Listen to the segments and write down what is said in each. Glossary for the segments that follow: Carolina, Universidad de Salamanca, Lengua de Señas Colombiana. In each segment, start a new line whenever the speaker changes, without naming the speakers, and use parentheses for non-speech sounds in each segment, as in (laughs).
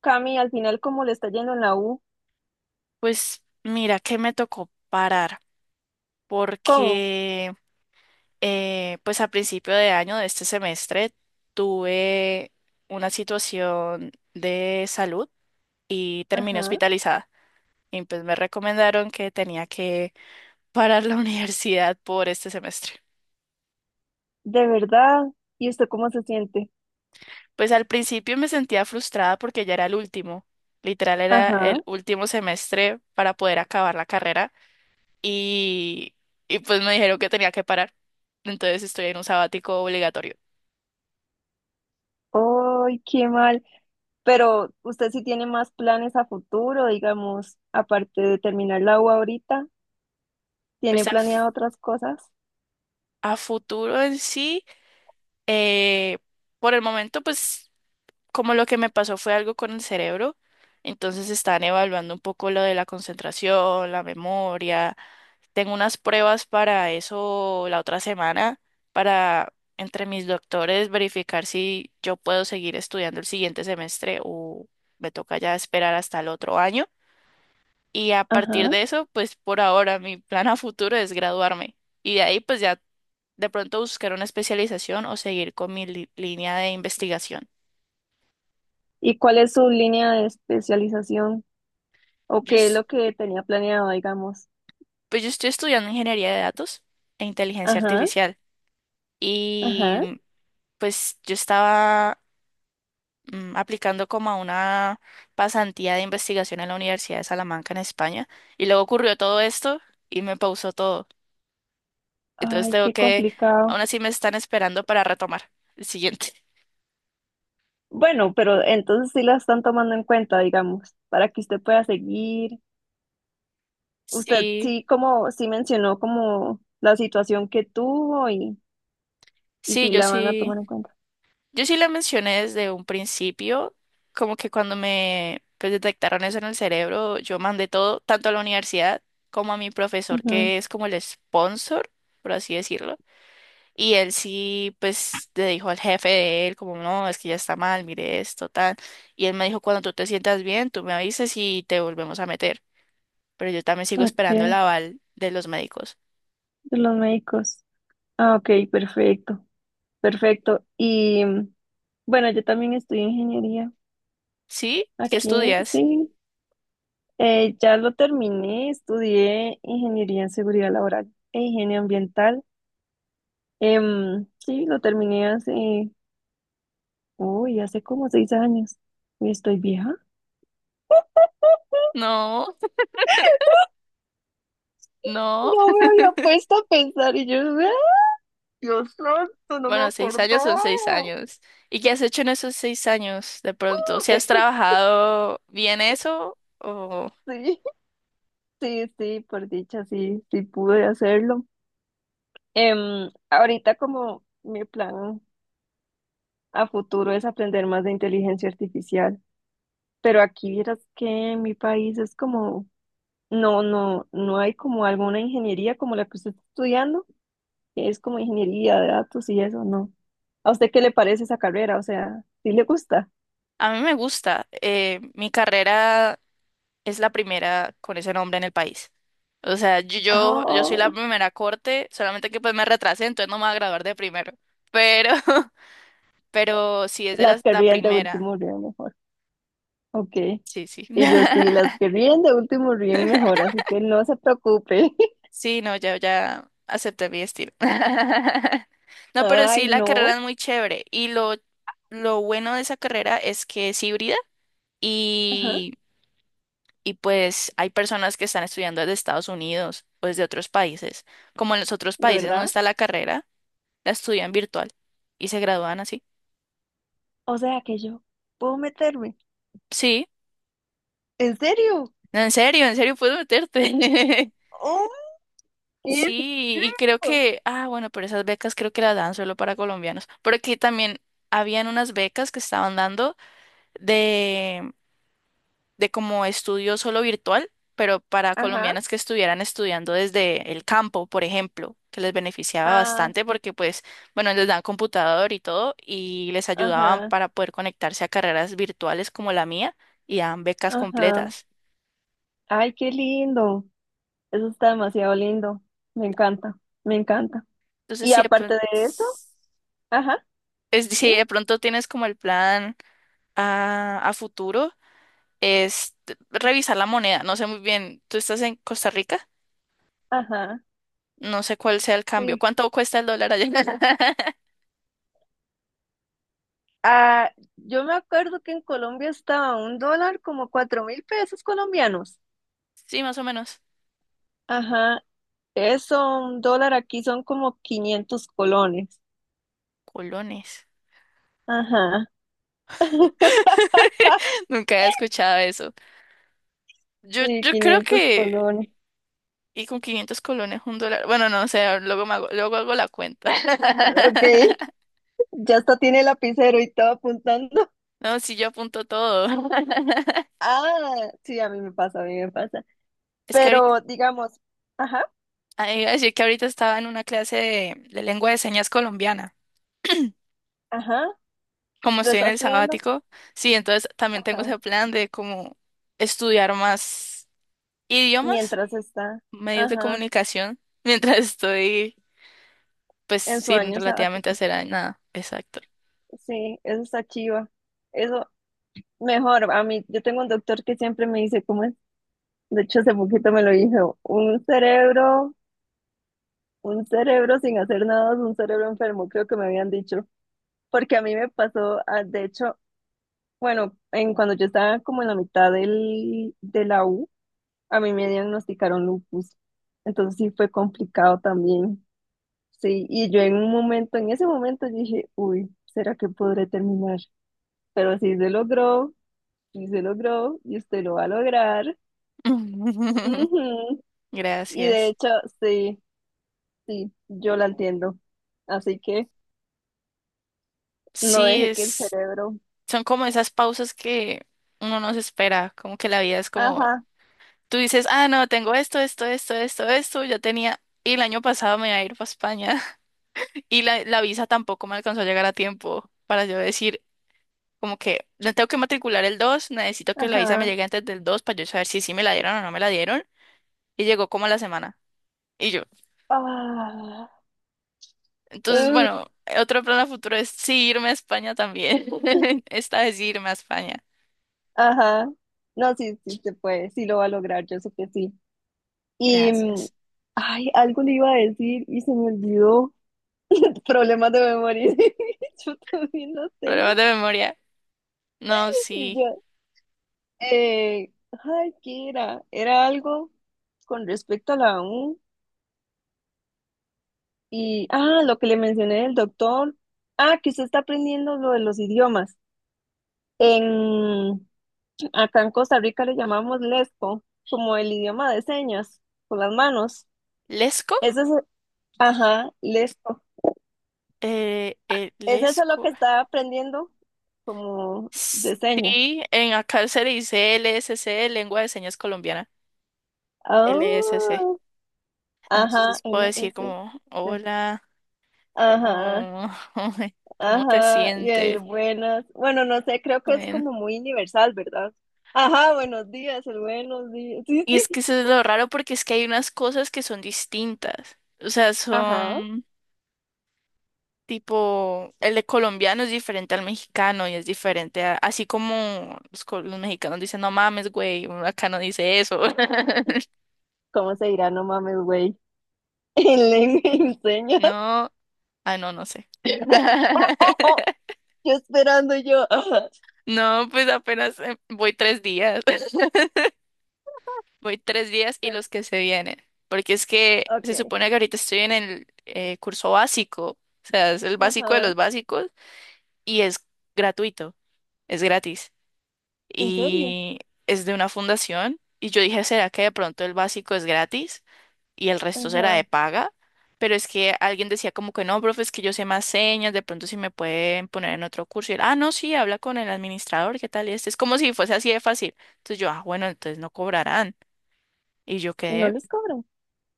Cami, al final, ¿cómo le está yendo en la U?
Pues mira que me tocó parar
¿Cómo?
porque pues a principio de año de este semestre tuve una situación de salud y terminé
Ajá.
hospitalizada y pues me recomendaron que tenía que parar la (laughs) universidad por este semestre.
¿De verdad? ¿Y usted cómo se siente?
Pues al principio me sentía frustrada porque ya era el último, literal era
Ajá.
el último semestre para poder acabar la carrera y, y pues me dijeron que tenía que parar. Entonces estoy en un sabático obligatorio.
¡Ay, qué mal! Pero usted sí tiene más planes a futuro, digamos, aparte de terminar la U ahorita,
Pues
¿tiene planeado otras cosas?
a futuro en sí, eh, por el momento, pues como lo que me pasó fue algo con el cerebro, entonces están evaluando un poco lo de la concentración, la memoria. Tengo unas pruebas para eso la otra semana, para entre mis doctores verificar si yo puedo seguir estudiando el siguiente semestre o me toca ya esperar hasta el otro año. Y a partir
Ajá.
de eso, pues por ahora mi plan a futuro es graduarme. Y de ahí, pues ya de pronto buscar una especialización o seguir con mi línea de investigación.
¿Y cuál es su línea de especialización? ¿O
Yo,
qué es
es-
lo que tenía planeado, digamos?
pues yo estoy estudiando ingeniería de datos e inteligencia
Ajá,
artificial. Y
ajá.
pues yo estaba aplicando como a una pasantía de investigación en la Universidad de Salamanca en España. Y luego ocurrió todo esto y me pausó todo. Entonces
Ay,
tengo
qué
que, aún
complicado.
así me están esperando para retomar el siguiente.
Bueno, pero entonces sí la están tomando en cuenta, digamos, para que usted pueda seguir. Usted
Sí.
sí como sí mencionó como la situación que tuvo y
Sí,
sí
yo
la van a
sí,
tomar en cuenta.
yo sí la mencioné desde un principio, como que cuando me pues, detectaron eso en el cerebro, yo mandé todo, tanto a la universidad como a mi profesor,
Ujú,
que es como el sponsor, por así decirlo, y él sí, pues le dijo al jefe de él, como, no, es que ya está mal, mire esto, tal, y él me dijo, cuando tú te sientas bien, tú me avisas y te volvemos a meter, pero yo también sigo
ok,
esperando el
de
aval de los médicos.
los médicos. Ah, ok, perfecto, perfecto. Y bueno, yo también estudié ingeniería
¿Sí? ¿Qué
aquí,
estudias?
sí. Ya lo terminé, estudié ingeniería en seguridad laboral e higiene ambiental. Sí, lo terminé hace, uy, hace como seis años. Uy, estoy vieja.
No, (laughs) no.
No me había puesto a pensar y yo, (laughs) Dios santo, no me
Bueno, seis años son
acordaba.
seis años. ¿Y qué has hecho en esos seis años de pronto? ¿Si has
Eh,
trabajado bien eso? O...
sí, sí, sí, por dicha, sí, sí pude hacerlo. Ahorita como mi plan a futuro es aprender más de inteligencia artificial, pero aquí vieras que en mi país es como, no, no, no hay como alguna ingeniería como la que usted está estudiando, que es como ingeniería de datos y eso, no. ¿A usted qué le parece esa carrera? O sea, ¿sí le gusta?
A mí me gusta. Mi carrera es la primera con ese nombre en el país. O sea, yo soy la
Oh,
primera corte, solamente que pues me retrasé, entonces no me voy a graduar de primero. Pero, (laughs) pero sí es de
las que
la
ríen de
primera.
último ríen. Ok.
Sí, sí.
Y yo sí, las
(laughs)
que ríen de último ríen mejor, así que no se preocupe. (laughs)
Sí, no, ya acepté mi estilo. (laughs) No, pero sí,
Ay,
la carrera
no.
es muy chévere. Y lo bueno de esa carrera es que es híbrida
Ajá,
y, y pues hay personas que están estudiando desde Estados Unidos o desde otros países. Como en los otros
¿de
países no
verdad?
está la carrera, la estudian virtual y se gradúan así.
O sea que yo puedo meterme.
Sí,
¿En serio?
no, en serio puedes meterte. (laughs)
¡Oh! ¡Qué
Sí, y creo
rico!
que, ah, bueno, pero esas becas creo que las dan solo para colombianos. Porque también habían unas becas que estaban dando de, de como estudio solo virtual, pero para
Ajá,
colombianas que estuvieran estudiando desde el campo, por ejemplo, que les beneficiaba
ah,
bastante porque pues, bueno, les dan computador y todo y les ayudaban
ajá,
para poder conectarse a carreras virtuales como la mía y dan becas
ajá.
completas.
Ay, qué lindo. Eso está demasiado lindo. Me encanta, me encanta.
Entonces,
Y
sí,
aparte de eso, ajá,
si
dime.
de pronto tienes como el plan a futuro, es revisar la moneda. No sé muy bien, ¿tú estás en Costa Rica?
Ajá,
No sé cuál sea el cambio.
sí.
¿Cuánto cuesta el dólar allá? (laughs)
Ah, yo me acuerdo que en Colombia estaba un dólar como cuatro mil pesos colombianos.
Sí, más o menos.
Ajá, eso, un dólar aquí son como 500 colones.
Colones.
Ajá, (laughs)
(laughs) Nunca he escuchado eso. Yo,
sí,
yo creo
500
que...
colones.
Y con 500 colones un dólar. Bueno, no, o sea, luego, luego hago la cuenta.
Ok,
(laughs)
ya hasta tiene lapicero y todo apuntando.
No, sí, yo apunto todo. (laughs)
Ah, sí, a mí me pasa, a mí me pasa.
Es que ahorita...
Pero digamos, ajá,
ah, iba a decir que ahorita estaba en una clase de lengua de señas colombiana. (clears throat)
ajá,
Como
lo
estoy
está
en el
estudiando,
sabático, sí, entonces también tengo
ajá,
ese plan de como estudiar más idiomas
mientras está,
medios de
ajá,
comunicación (laughs) mientras estoy, pues
en su
sin
año
relativamente
sabático.
hacer nada. Exacto.
Sí, eso está chiva. Eso, mejor, a mí, yo tengo un doctor que siempre me dice, ¿cómo es? De hecho, hace poquito me lo dijo, un cerebro sin hacer nada, es un cerebro enfermo, creo que me habían dicho, porque a mí me pasó, ah, de hecho, bueno, en cuando yo estaba como en la mitad del, de la U, a mí me diagnosticaron lupus, entonces sí fue complicado también, sí, y yo en un momento, en ese momento yo dije, uy, ¿será que podré terminar? Pero sí se logró, y usted lo va a lograr.
(laughs)
Y de
Gracias.
hecho, sí, sí, yo la entiendo. Así que no
Sí,
deje que el cerebro.
son como esas pausas que uno no se espera, como que la vida es como,
Ajá,
tú dices, ah, no, tengo esto, esto, esto, esto, esto, ya tenía, y el año pasado me iba a ir para España (laughs) y la visa tampoco me alcanzó a llegar a tiempo para yo decir, como que no tengo que matricular el 2 necesito que la visa me
ajá.
llegue antes del dos para yo saber si sí me la dieron o no me la dieron, y llegó como a la semana. Y yo,
Ah,
entonces,
uh,
bueno, otro plan a futuro es sí irme a España también. (laughs) Esta vez sí irme a España.
ajá. No, sí, sí se puede, sí lo va a lograr, yo sé que sí. Y,
Gracias.
ay, algo le iba a decir y se me olvidó. (laughs) Problemas de memoria. (laughs) Yo también los
Problemas
tengo.
de memoria. No,
Y
sí.
yo, eh, ay, ¿qué era? Era algo con respecto a la U. Y, ah, lo que le mencioné del doctor. Ah, que usted está aprendiendo lo de los idiomas. En, acá en Costa Rica le llamamos lesco, como el idioma de señas, con las manos.
¿Lesco?
Eso es, ajá, lesco. ¿Es eso lo
Lesco.
que está aprendiendo? Como de señas.
Sí, en acá se le dice LSC, Lengua de Señas Colombiana.
Ah,
LSC.
ajá,
Entonces puedo
l
decir
s
como,
LS.
hola,
Ajá,
¿cómo, (laughs) cómo te
ajá. Y el
sientes?
buenas. Bueno, no sé, creo que es
Bueno.
como muy universal, ¿verdad? Ajá, buenos días, el buenos días. Sí,
Y es que
sí.
eso es lo raro porque es que hay unas cosas que son distintas. O sea,
Ajá,
son... Tipo, el de colombiano es diferente al mexicano y es diferente así como los mexicanos dicen, no mames, güey, uno acá no dice eso. (laughs)
¿cómo se dirá? No mames, güey. (laughs) En lengua y señas.
No, ah, no, no sé.
(laughs)
(laughs)
Yo esperando yo. Ajá.
No, pues apenas voy tres días. (laughs) Voy tres días y
Bueno,
los que se vienen. Porque es que
ok,
se supone que ahorita estoy en el curso básico. O sea, es el básico de
ajá,
los básicos y es gratuito, es gratis.
¿en serio?
Y es de una fundación. Y yo dije, ¿será que de pronto el básico es gratis y el resto será
Ajá,
de paga? Pero es que alguien decía como que no, profe, es que yo sé más señas, de pronto si me pueden poner en otro curso. Y él, ah, no, sí, habla con el administrador, ¿qué tal? Y este es como si fuese así de fácil. Entonces yo, ah, bueno, entonces no cobrarán. Y yo
y no
quedé,
les cobran.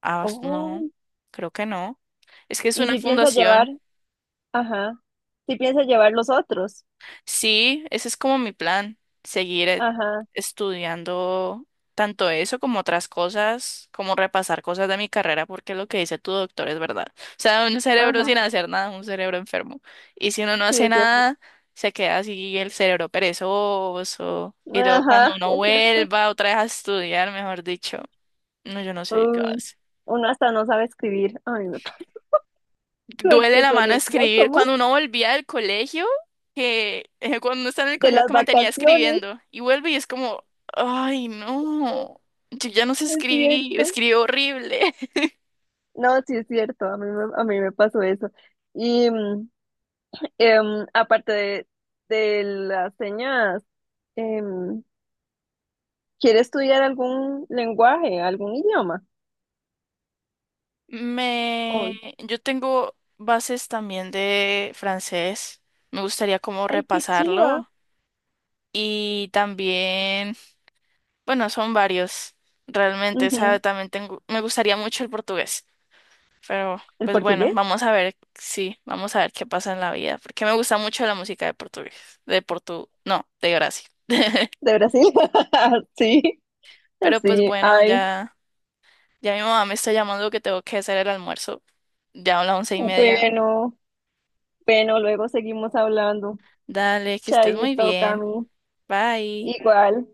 ah, no,
Oh,
creo que no. Es que es
y
una
si piensa llevar,
fundación.
ajá, si piensa llevar los otros.
Sí, ese es como mi plan, seguir
Ajá,
estudiando tanto eso como otras cosas, como repasar cosas de mi carrera, porque lo que dice tu doctor es verdad. O sea, un cerebro sin
ajá,
hacer nada, un cerebro enfermo. Y si uno no
sí,
hace
es cierto.
nada, se queda así el cerebro perezoso. Y luego cuando
Ajá,
uno
es cierto.
vuelva otra vez a estudiar, mejor dicho, no, yo no sé qué va a
Uy,
hacer.
uno hasta no sabe escribir. Ay, no, (laughs)
Duele
porque
la
se le
mano
olvida
escribir.
cómo es
Cuando uno volvía del colegio, que cuando uno está en el
de
colegio que
las
mantenía
vacaciones,
escribiendo y vuelve y es como, ay, no, yo ya no sé
es
escribir,
cierto.
escribo horrible. (laughs)
No, sí es cierto, a mí me pasó eso. Y aparte de las señas, em, ¿quiere estudiar algún lenguaje, algún idioma? Oh,
Me, yo tengo bases también de francés. Me gustaría como
ay, qué chiva.
repasarlo y también, bueno, son varios. Realmente, o sea,
Ujú.
también tengo, me gustaría mucho el portugués. Pero
¿El
pues bueno,
portugués
vamos a ver, sí, vamos a ver qué pasa en la vida, porque me gusta mucho la música de portugués, no, de Brasil. (laughs)
de Brasil? (laughs) Sí,
Pero pues
sí,
bueno,
ay,
ya, mi mamá me está llamando que tengo que hacer el almuerzo, ya a las 11:30.
bueno, bueno, luego seguimos hablando.
Dale, que estés muy
Chaito,
bien,
Cami,
bye.
igual.